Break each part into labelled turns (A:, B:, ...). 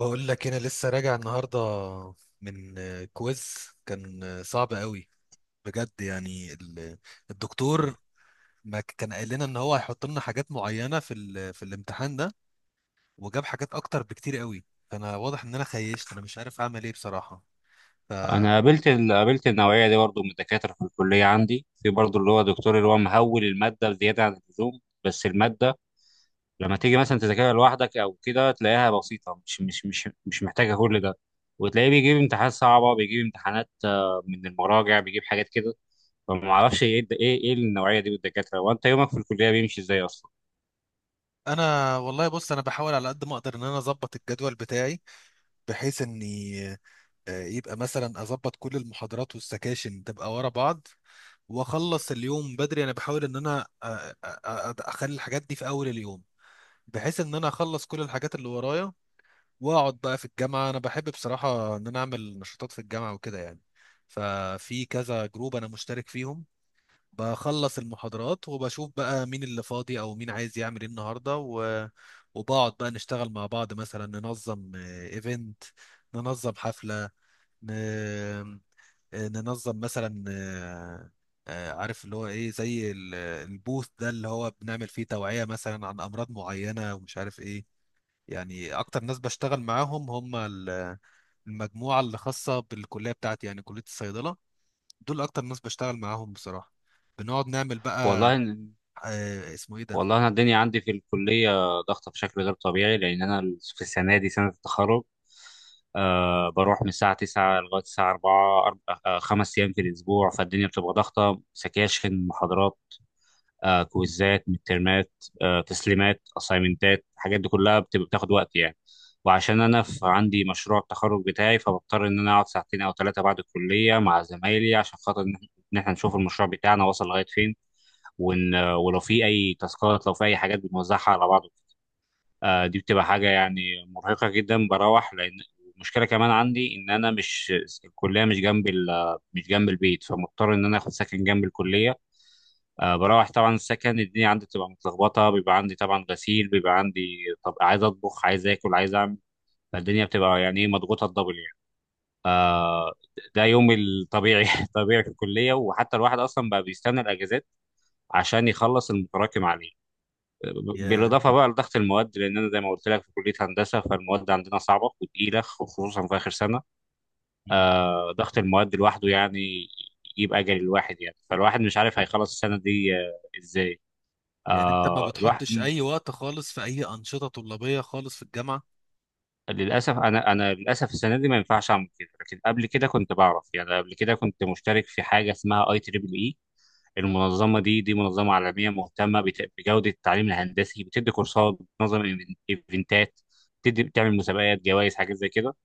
A: بقول لك انا لسه راجع النهارده من كويز. كان صعب قوي، بجد. يعني الدكتور، ما كان قال لنا ان هو هيحط لنا حاجات معينه في الامتحان ده، وجاب حاجات اكتر بكتير قوي. فانا واضح ان انا خيشت، انا مش عارف اعمل ايه بصراحه.
B: انا قابلت قابلت النوعيه دي برضو من الدكاتره في الكليه عندي في برضو اللي هو دكتور اللي هو مهول الماده زياده عن اللزوم. بس الماده لما تيجي مثلا تذاكرها لوحدك او كده تلاقيها بسيطه، مش محتاجه كل ده، وتلاقيه بيجيب امتحانات صعبه، بيجيب امتحانات من المراجع، بيجيب حاجات كده. فما اعرفش ايه ايه النوعيه دي من الدكاتره، وانت يومك في الكليه بيمشي ازاي اصلا؟
A: فانا والله بص، انا بحاول على قد ما اقدر ان انا اظبط الجدول بتاعي، بحيث اني يبقى مثلا اظبط كل المحاضرات والسكاشن تبقى ورا بعض، واخلص اليوم بدري. انا بحاول ان انا اخلي الحاجات دي في اول اليوم، بحيث ان انا اخلص كل الحاجات اللي ورايا واقعد بقى في الجامعة. انا بحب بصراحة ان انا اعمل نشاطات في الجامعة وكده يعني. ففي كذا جروب انا مشترك فيهم. بخلص المحاضرات وبشوف بقى مين اللي فاضي او مين عايز يعمل ايه النهارده. وبقعد بقى نشتغل مع بعض، مثلا ننظم ايفنت، ننظم حفلة. ن... آه، ننظم مثلا، عارف اللي هو ايه، زي البوث ده اللي هو بنعمل فيه توعية مثلا عن امراض معينة ومش عارف ايه. يعني اكتر ناس بشتغل معاهم هم المجموعة اللي خاصة بالكلية بتاعتي، يعني كلية الصيدلة. دول اكتر ناس بشتغل معاهم بصراحة. بنقعد نعمل بقى،
B: والله،
A: اسمه ايه ده؟
B: والله انا الدنيا عندي في الكليه ضغطه بشكل غير طبيعي، لان انا في السنه دي سنه التخرج. بروح من الساعه 9 لغايه الساعه 4، خمس ايام في الاسبوع. فالدنيا بتبقى ضغطه، سكاشن، محاضرات، كويزات مترمات، تسليمات، اسايمنتات، الحاجات دي كلها بتبقى بتاخد وقت يعني. وعشان انا في عندي مشروع التخرج بتاعي فبضطر ان انا اقعد ساعتين او ثلاثه بعد الكليه مع زمايلي عشان خاطر ان إن إحنا نشوف المشروع بتاعنا وصل لغايه فين، وان ولو في اي تاسكات لو في اي حاجات بنوزعها على بعض. دي بتبقى حاجه يعني مرهقه جدا بروح، لان المشكله كمان عندي ان انا مش، الكليه مش جنب مش جنب البيت، فمضطر ان انا اخد سكن جنب الكليه. بروح طبعا السكن، الدنيا عندي بتبقى متلخبطه، بيبقى عندي طبعا غسيل، بيبقى عندي، طب عايز اطبخ، عايز اكل، عايز اعمل. فالدنيا بتبقى يعني ايه، مضغوطه الدبل يعني. آه، ده يومي الطبيعي طبيعي في الكليه. وحتى الواحد اصلا بقى بيستنى الاجازات عشان يخلص المتراكم عليه،
A: يا.
B: بالاضافه بقى لضغط المواد، لان انا زي ما قلت لك في كليه هندسه فالمواد عندنا صعبه وتقيله خصوصا في اخر سنه.
A: مم.
B: ضغط المواد لوحده يعني يجيب اجل الواحد يعني، فالواحد مش عارف هيخلص السنه دي ازاي.
A: يعني انت ما
B: الواحد
A: بتحطش اي وقت خالص في اي انشطة طلابية خالص في الجامعة؟
B: للاسف، انا للاسف السنه دي ما ينفعش اعمل كده، لكن قبل كده كنت بعرف يعني. قبل كده كنت مشترك في حاجه اسمها IEEE. المنظمة دي منظمة عالمية مهتمة بجودة التعليم الهندسي، بتدي كورسات، بتنظم إيفنتات، بتدي بتعمل مسابقات، جوائز، حاجات زي كده.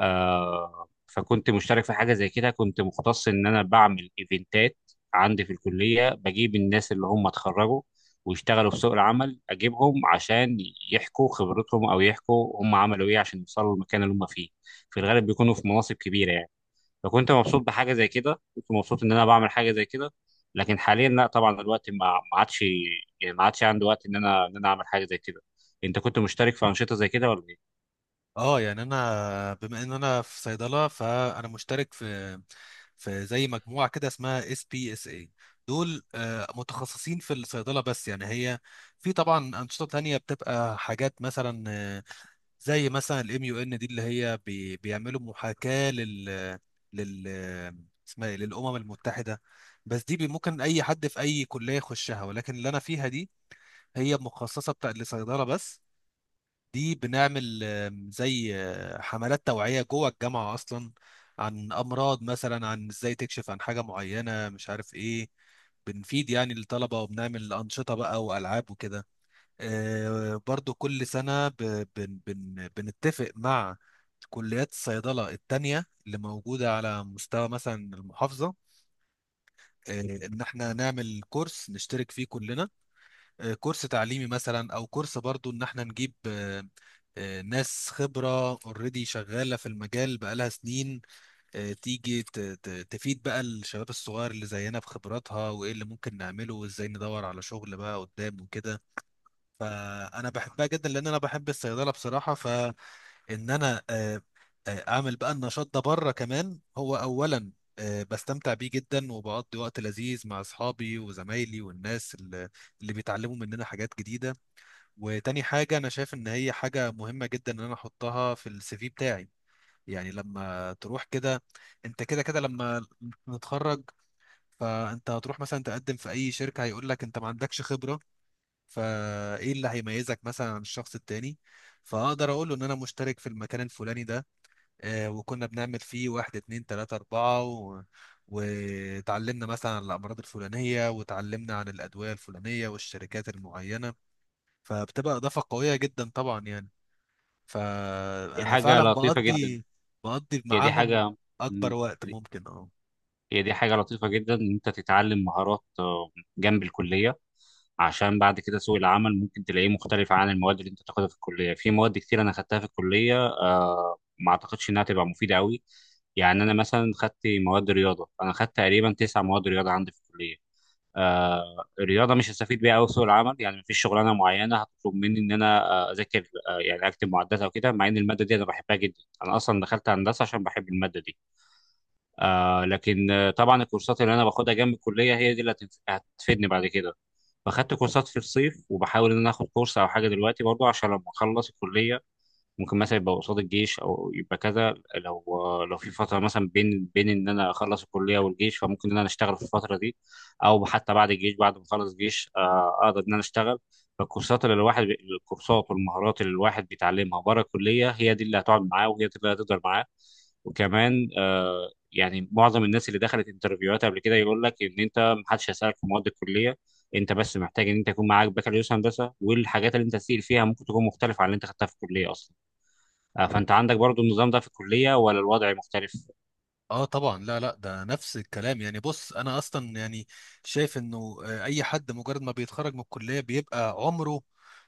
B: فكنت مشترك في حاجة زي كده، كنت مختص إن أنا بعمل إيفنتات عندي في الكلية، بجيب الناس اللي هم اتخرجوا ويشتغلوا في سوق العمل أجيبهم عشان يحكوا خبرتهم، أو يحكوا هم عملوا إيه عشان يوصلوا للمكان اللي هم فيه. في الغالب بيكونوا في مناصب كبيرة يعني. فكنت مبسوط بحاجه زي كده، كنت مبسوط ان انا بعمل حاجه زي كده. لكن حاليا لا طبعا، الوقت ما عادش، يعني ما عادش عندي وقت ان انا اعمل حاجه زي كده. انت كنت مشترك في انشطه زي كده ولا ايه؟
A: اه، يعني انا بما ان انا في صيدله، فانا مشترك في زي مجموعه كده اسمها SBSI. دول متخصصين في الصيدله بس، يعني هي في طبعا انشطه تانية بتبقى حاجات مثلا زي مثلا الـMUN دي، اللي هي بيعملوا محاكاه لل لل اسمها ايه، للامم المتحده. بس دي ممكن اي حد في اي كليه يخشها، ولكن اللي انا فيها دي هي مخصصه بتاع لصيدله بس. دي بنعمل زي حملات توعية جوه الجامعة أصلا، عن أمراض مثلا، عن إزاي تكشف عن حاجة معينة، مش عارف إيه. بنفيد يعني الطلبة، وبنعمل أنشطة بقى وألعاب وكده. برضو كل سنة ب- بن بن بنتفق مع كليات الصيدلة التانية اللي موجودة على مستوى مثلا المحافظة، إن إحنا نعمل كورس نشترك فيه كلنا، كورس تعليمي مثلا، او كورس برضو ان احنا نجيب ناس خبرة اوريدي شغالة في المجال بقالها سنين، تيجي تفيد بقى الشباب الصغير اللي زينا بخبراتها، وايه اللي ممكن نعمله وازاي ندور على شغل بقى قدام وكده. فانا بحبها جدا، لان انا بحب الصيدلة بصراحة. فان انا اعمل بقى النشاط ده بره كمان. هو اولا بستمتع بيه جدا، وبقضي وقت لذيذ مع اصحابي وزمايلي، والناس اللي بيتعلموا مننا حاجات جديدة. وتاني حاجة، أنا شايف إن هي حاجة مهمة جدا إن أنا أحطها في CV بتاعي. يعني لما تروح كده، أنت كده كده لما نتخرج، فأنت هتروح مثلا تقدم في أي شركة، هيقول لك أنت ما عندكش خبرة. فإيه اللي هيميزك مثلا عن الشخص التاني؟ فأقدر أقول له إن أنا مشترك في المكان الفلاني ده، وكنا بنعمل فيه واحد اتنين تلاتة أربعة. وتعلمنا مثلا عن الأمراض الفلانية، وتعلمنا عن الأدوية الفلانية والشركات المعينة. فبتبقى إضافة قوية جدا طبعا يعني.
B: دي
A: فانا
B: حاجه
A: فعلا
B: لطيفه جدا.
A: بقضي
B: هي دي
A: معاهم
B: حاجه.
A: اكبر
B: مم.
A: وقت ممكن، اه.
B: هي دي حاجه لطيفه جدا ان انت تتعلم مهارات جنب الكليه، عشان بعد كده سوق العمل ممكن تلاقيه مختلف عن المواد اللي انت تاخدها في الكليه. في مواد كتير انا خدتها في الكليه ما اعتقدش انها تبقى مفيده قوي. يعني انا مثلا خدت مواد رياضه، انا خدت تقريبا تسع مواد رياضه عندي في الكليه. الرياضه مش هستفيد بيها قوي في سوق العمل، يعني مفيش شغلانه معينه هتطلب مني ان انا اذاكر يعني اكتب معدات او كده، مع ان الماده دي انا بحبها جدا، انا اصلا دخلت هندسه عشان بحب الماده دي. لكن طبعا الكورسات اللي انا باخدها جنب الكليه هي دي اللي هتفيدني بعد كده. فاخدت كورسات في الصيف وبحاول ان انا اخد كورس او حاجه دلوقتي برضو، عشان لما اخلص الكليه ممكن مثلا يبقى قصاد الجيش او يبقى كذا. لو لو في فتره مثلا بين ان انا اخلص الكليه والجيش فممكن ان انا اشتغل في الفتره دي، او حتى بعد الجيش بعد ما اخلص جيش اقدر ان انا اشتغل. فالكورسات اللي الواحد الكورسات والمهارات اللي الواحد بيتعلمها بره الكليه هي دي اللي هتقعد معاه وهي دي اللي هتقدر معاه. وكمان يعني معظم الناس اللي دخلت انترفيوهات قبل كده يقول لك ان انت محدش هيسالك في مواد الكليه، انت بس محتاج ان انت يكون معاك بكالوريوس هندسه، والحاجات اللي انت تسال فيها ممكن تكون مختلفه عن اللي انت خدتها في الكليه اصلا. فانت عندك برضو النظام ده في الكليه ولا الوضع مختلف؟
A: اه، طبعا، لا لا، ده نفس الكلام. يعني بص، انا اصلا يعني شايف انه اي حد مجرد ما بيتخرج من الكليه بيبقى عمره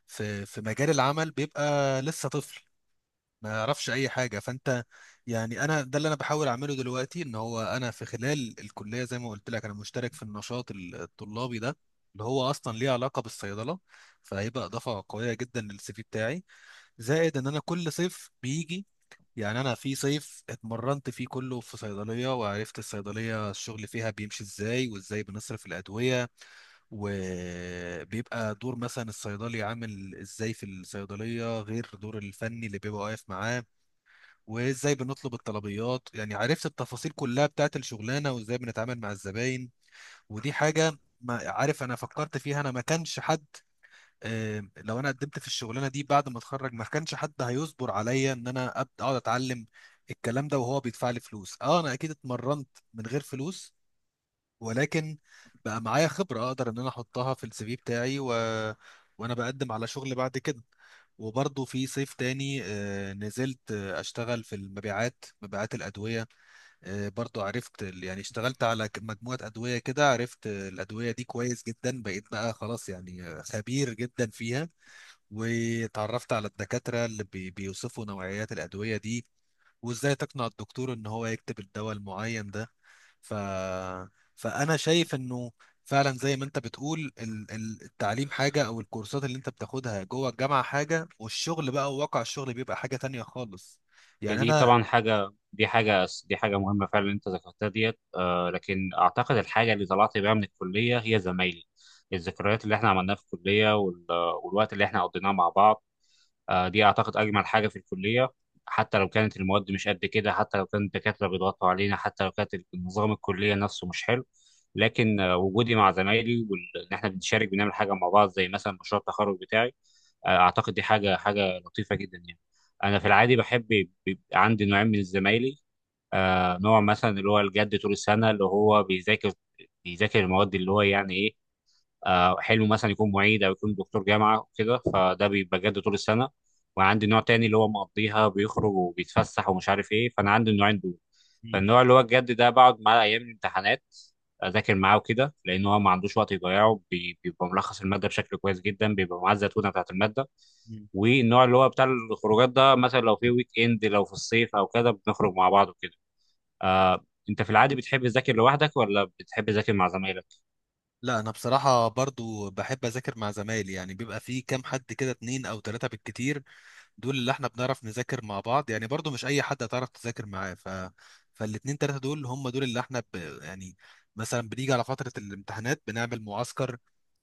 A: في مجال العمل، بيبقى لسه طفل ما يعرفش اي حاجه. فانت يعني انا، ده اللي انا بحاول اعمله دلوقتي، ان هو انا في خلال الكليه زي ما قلت لك انا مشترك في النشاط الطلابي ده اللي هو اصلا ليه علاقه بالصيدله، فهيبقى اضافه قويه جدا لـCV بتاعي. زائد ان انا كل صيف بيجي، يعني انا في صيف اتمرنت فيه كله في صيدليه، وعرفت الصيدليه الشغل فيها بيمشي ازاي، وازاي بنصرف الادويه، وبيبقى دور مثلا الصيدلي عامل ازاي في الصيدليه غير دور الفني اللي بيبقى واقف معاه، وازاي بنطلب الطلبيات. يعني عرفت التفاصيل كلها بتاعت الشغلانه، وازاي بنتعامل مع الزباين. ودي حاجه ما عارف انا فكرت فيها، انا ما كانش حد، لو انا قدمت في الشغلانه دي بعد ما اتخرج ما كانش حد هيصبر عليا ان انا ابدا اقعد اتعلم الكلام ده وهو بيدفع لي فلوس. اه، انا اكيد اتمرنت من غير فلوس، ولكن بقى معايا خبره اقدر ان انا احطها في CV بتاعي. وانا بقدم على شغل بعد كده. وبرضه في صيف تاني نزلت اشتغل في المبيعات، مبيعات الادويه. برضه عرفت يعني اشتغلت على مجموعه ادويه كده، عرفت الادويه دي كويس جدا، بقيت بقى خلاص يعني خبير جدا فيها. وتعرفت على الدكاترة اللي بيوصفوا نوعيات الأدوية دي، وإزاي تقنع الدكتور إن هو يكتب الدواء المعين ده. ف... فأنا شايف إنه فعلا زي ما أنت بتقول، التعليم حاجة، أو الكورسات اللي أنت بتاخدها جوه الجامعة حاجة، والشغل بقى وواقع الشغل بيبقى حاجة تانية خالص.
B: هي
A: يعني
B: دي
A: أنا.
B: طبعا حاجه، دي حاجه دي حاجه مهمه فعلا اللي انت ذكرتها ديت. لكن اعتقد الحاجه اللي طلعت بيها من الكليه هي زمايلي، الذكريات اللي احنا عملناها في الكليه والوقت اللي احنا قضيناه مع بعض. دي اعتقد اجمل حاجه في الكليه. حتى لو كانت المواد مش قد كده، حتى لو كان الدكاتره بيضغطوا علينا، حتى لو كانت النظام الكليه نفسه مش حلو، لكن وجودي مع زمايلي وان احنا بنشارك، بنعمل حاجه مع بعض زي مثلا مشروع التخرج بتاعي، اعتقد دي حاجه لطيفه جدا يعني. انا في العادي بحب، بيبقى عندي نوعين من الزمايلي. نوع مثلا اللي هو الجد طول السنه، اللي هو بيذاكر بيذاكر المواد، اللي هو يعني إيه، حلو مثلا يكون معيد او يكون دكتور جامعه وكده، فده بيبقى جد طول السنه. وعندي نوع تاني اللي هو مقضيها، بيخرج وبيتفسح ومش عارف ايه، فانا عندي النوعين دول.
A: مم.
B: فالنوع اللي هو الجد ده بقعد معاه ايام الامتحانات اذاكر معاه وكده، لان هو ما عندوش وقت يضيعه، بيبقى ملخص الماده بشكل كويس جدا، بيبقى معاه الزتونه بتاعت الماده.
A: مم.
B: والنوع اللي هو بتاع الخروجات ده مثلا لو في ويك اند لو في الصيف او كده بنخرج مع بعض وكده. انت في العادي بتحب تذاكر لوحدك ولا بتحب تذاكر مع زمايلك؟
A: لا، أنا بصراحة برضو بحب أذاكر مع زمايلي. يعني بيبقى في كام حد كده، اتنين أو تلاتة بالكتير، دول اللي احنا بنعرف نذاكر مع بعض، يعني برضو مش اي حد هتعرف تذاكر معاه. فالاتنين تلاتة دول هم دول اللي احنا يعني مثلا بنيجي على فترة الامتحانات بنعمل معسكر،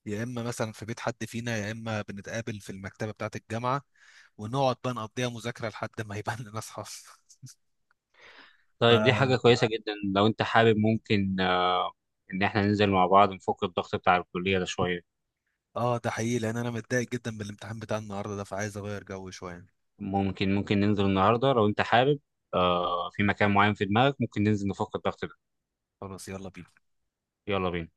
A: يا اما مثلا في بيت حد فينا، يا اما بنتقابل في المكتبة بتاعة الجامعة، ونقعد بقى نقضيها مذاكرة لحد ما يبان لنا اصحاب
B: طيب دي حاجة
A: ف
B: كويسة جدا، لو أنت حابب ممكن إن إحنا ننزل مع بعض نفك الضغط بتاع الكلية ده شوية.
A: اه، ده حقيقي، لان انا متضايق جدا من الامتحان بتاع النهارده ده، فعايز اغير جو شوية.
B: ممكن ننزل النهاردة لو أنت حابب، في مكان معين في دماغك ممكن ننزل نفك الضغط ده.
A: خلاص، يلا بينا.
B: يلا بينا.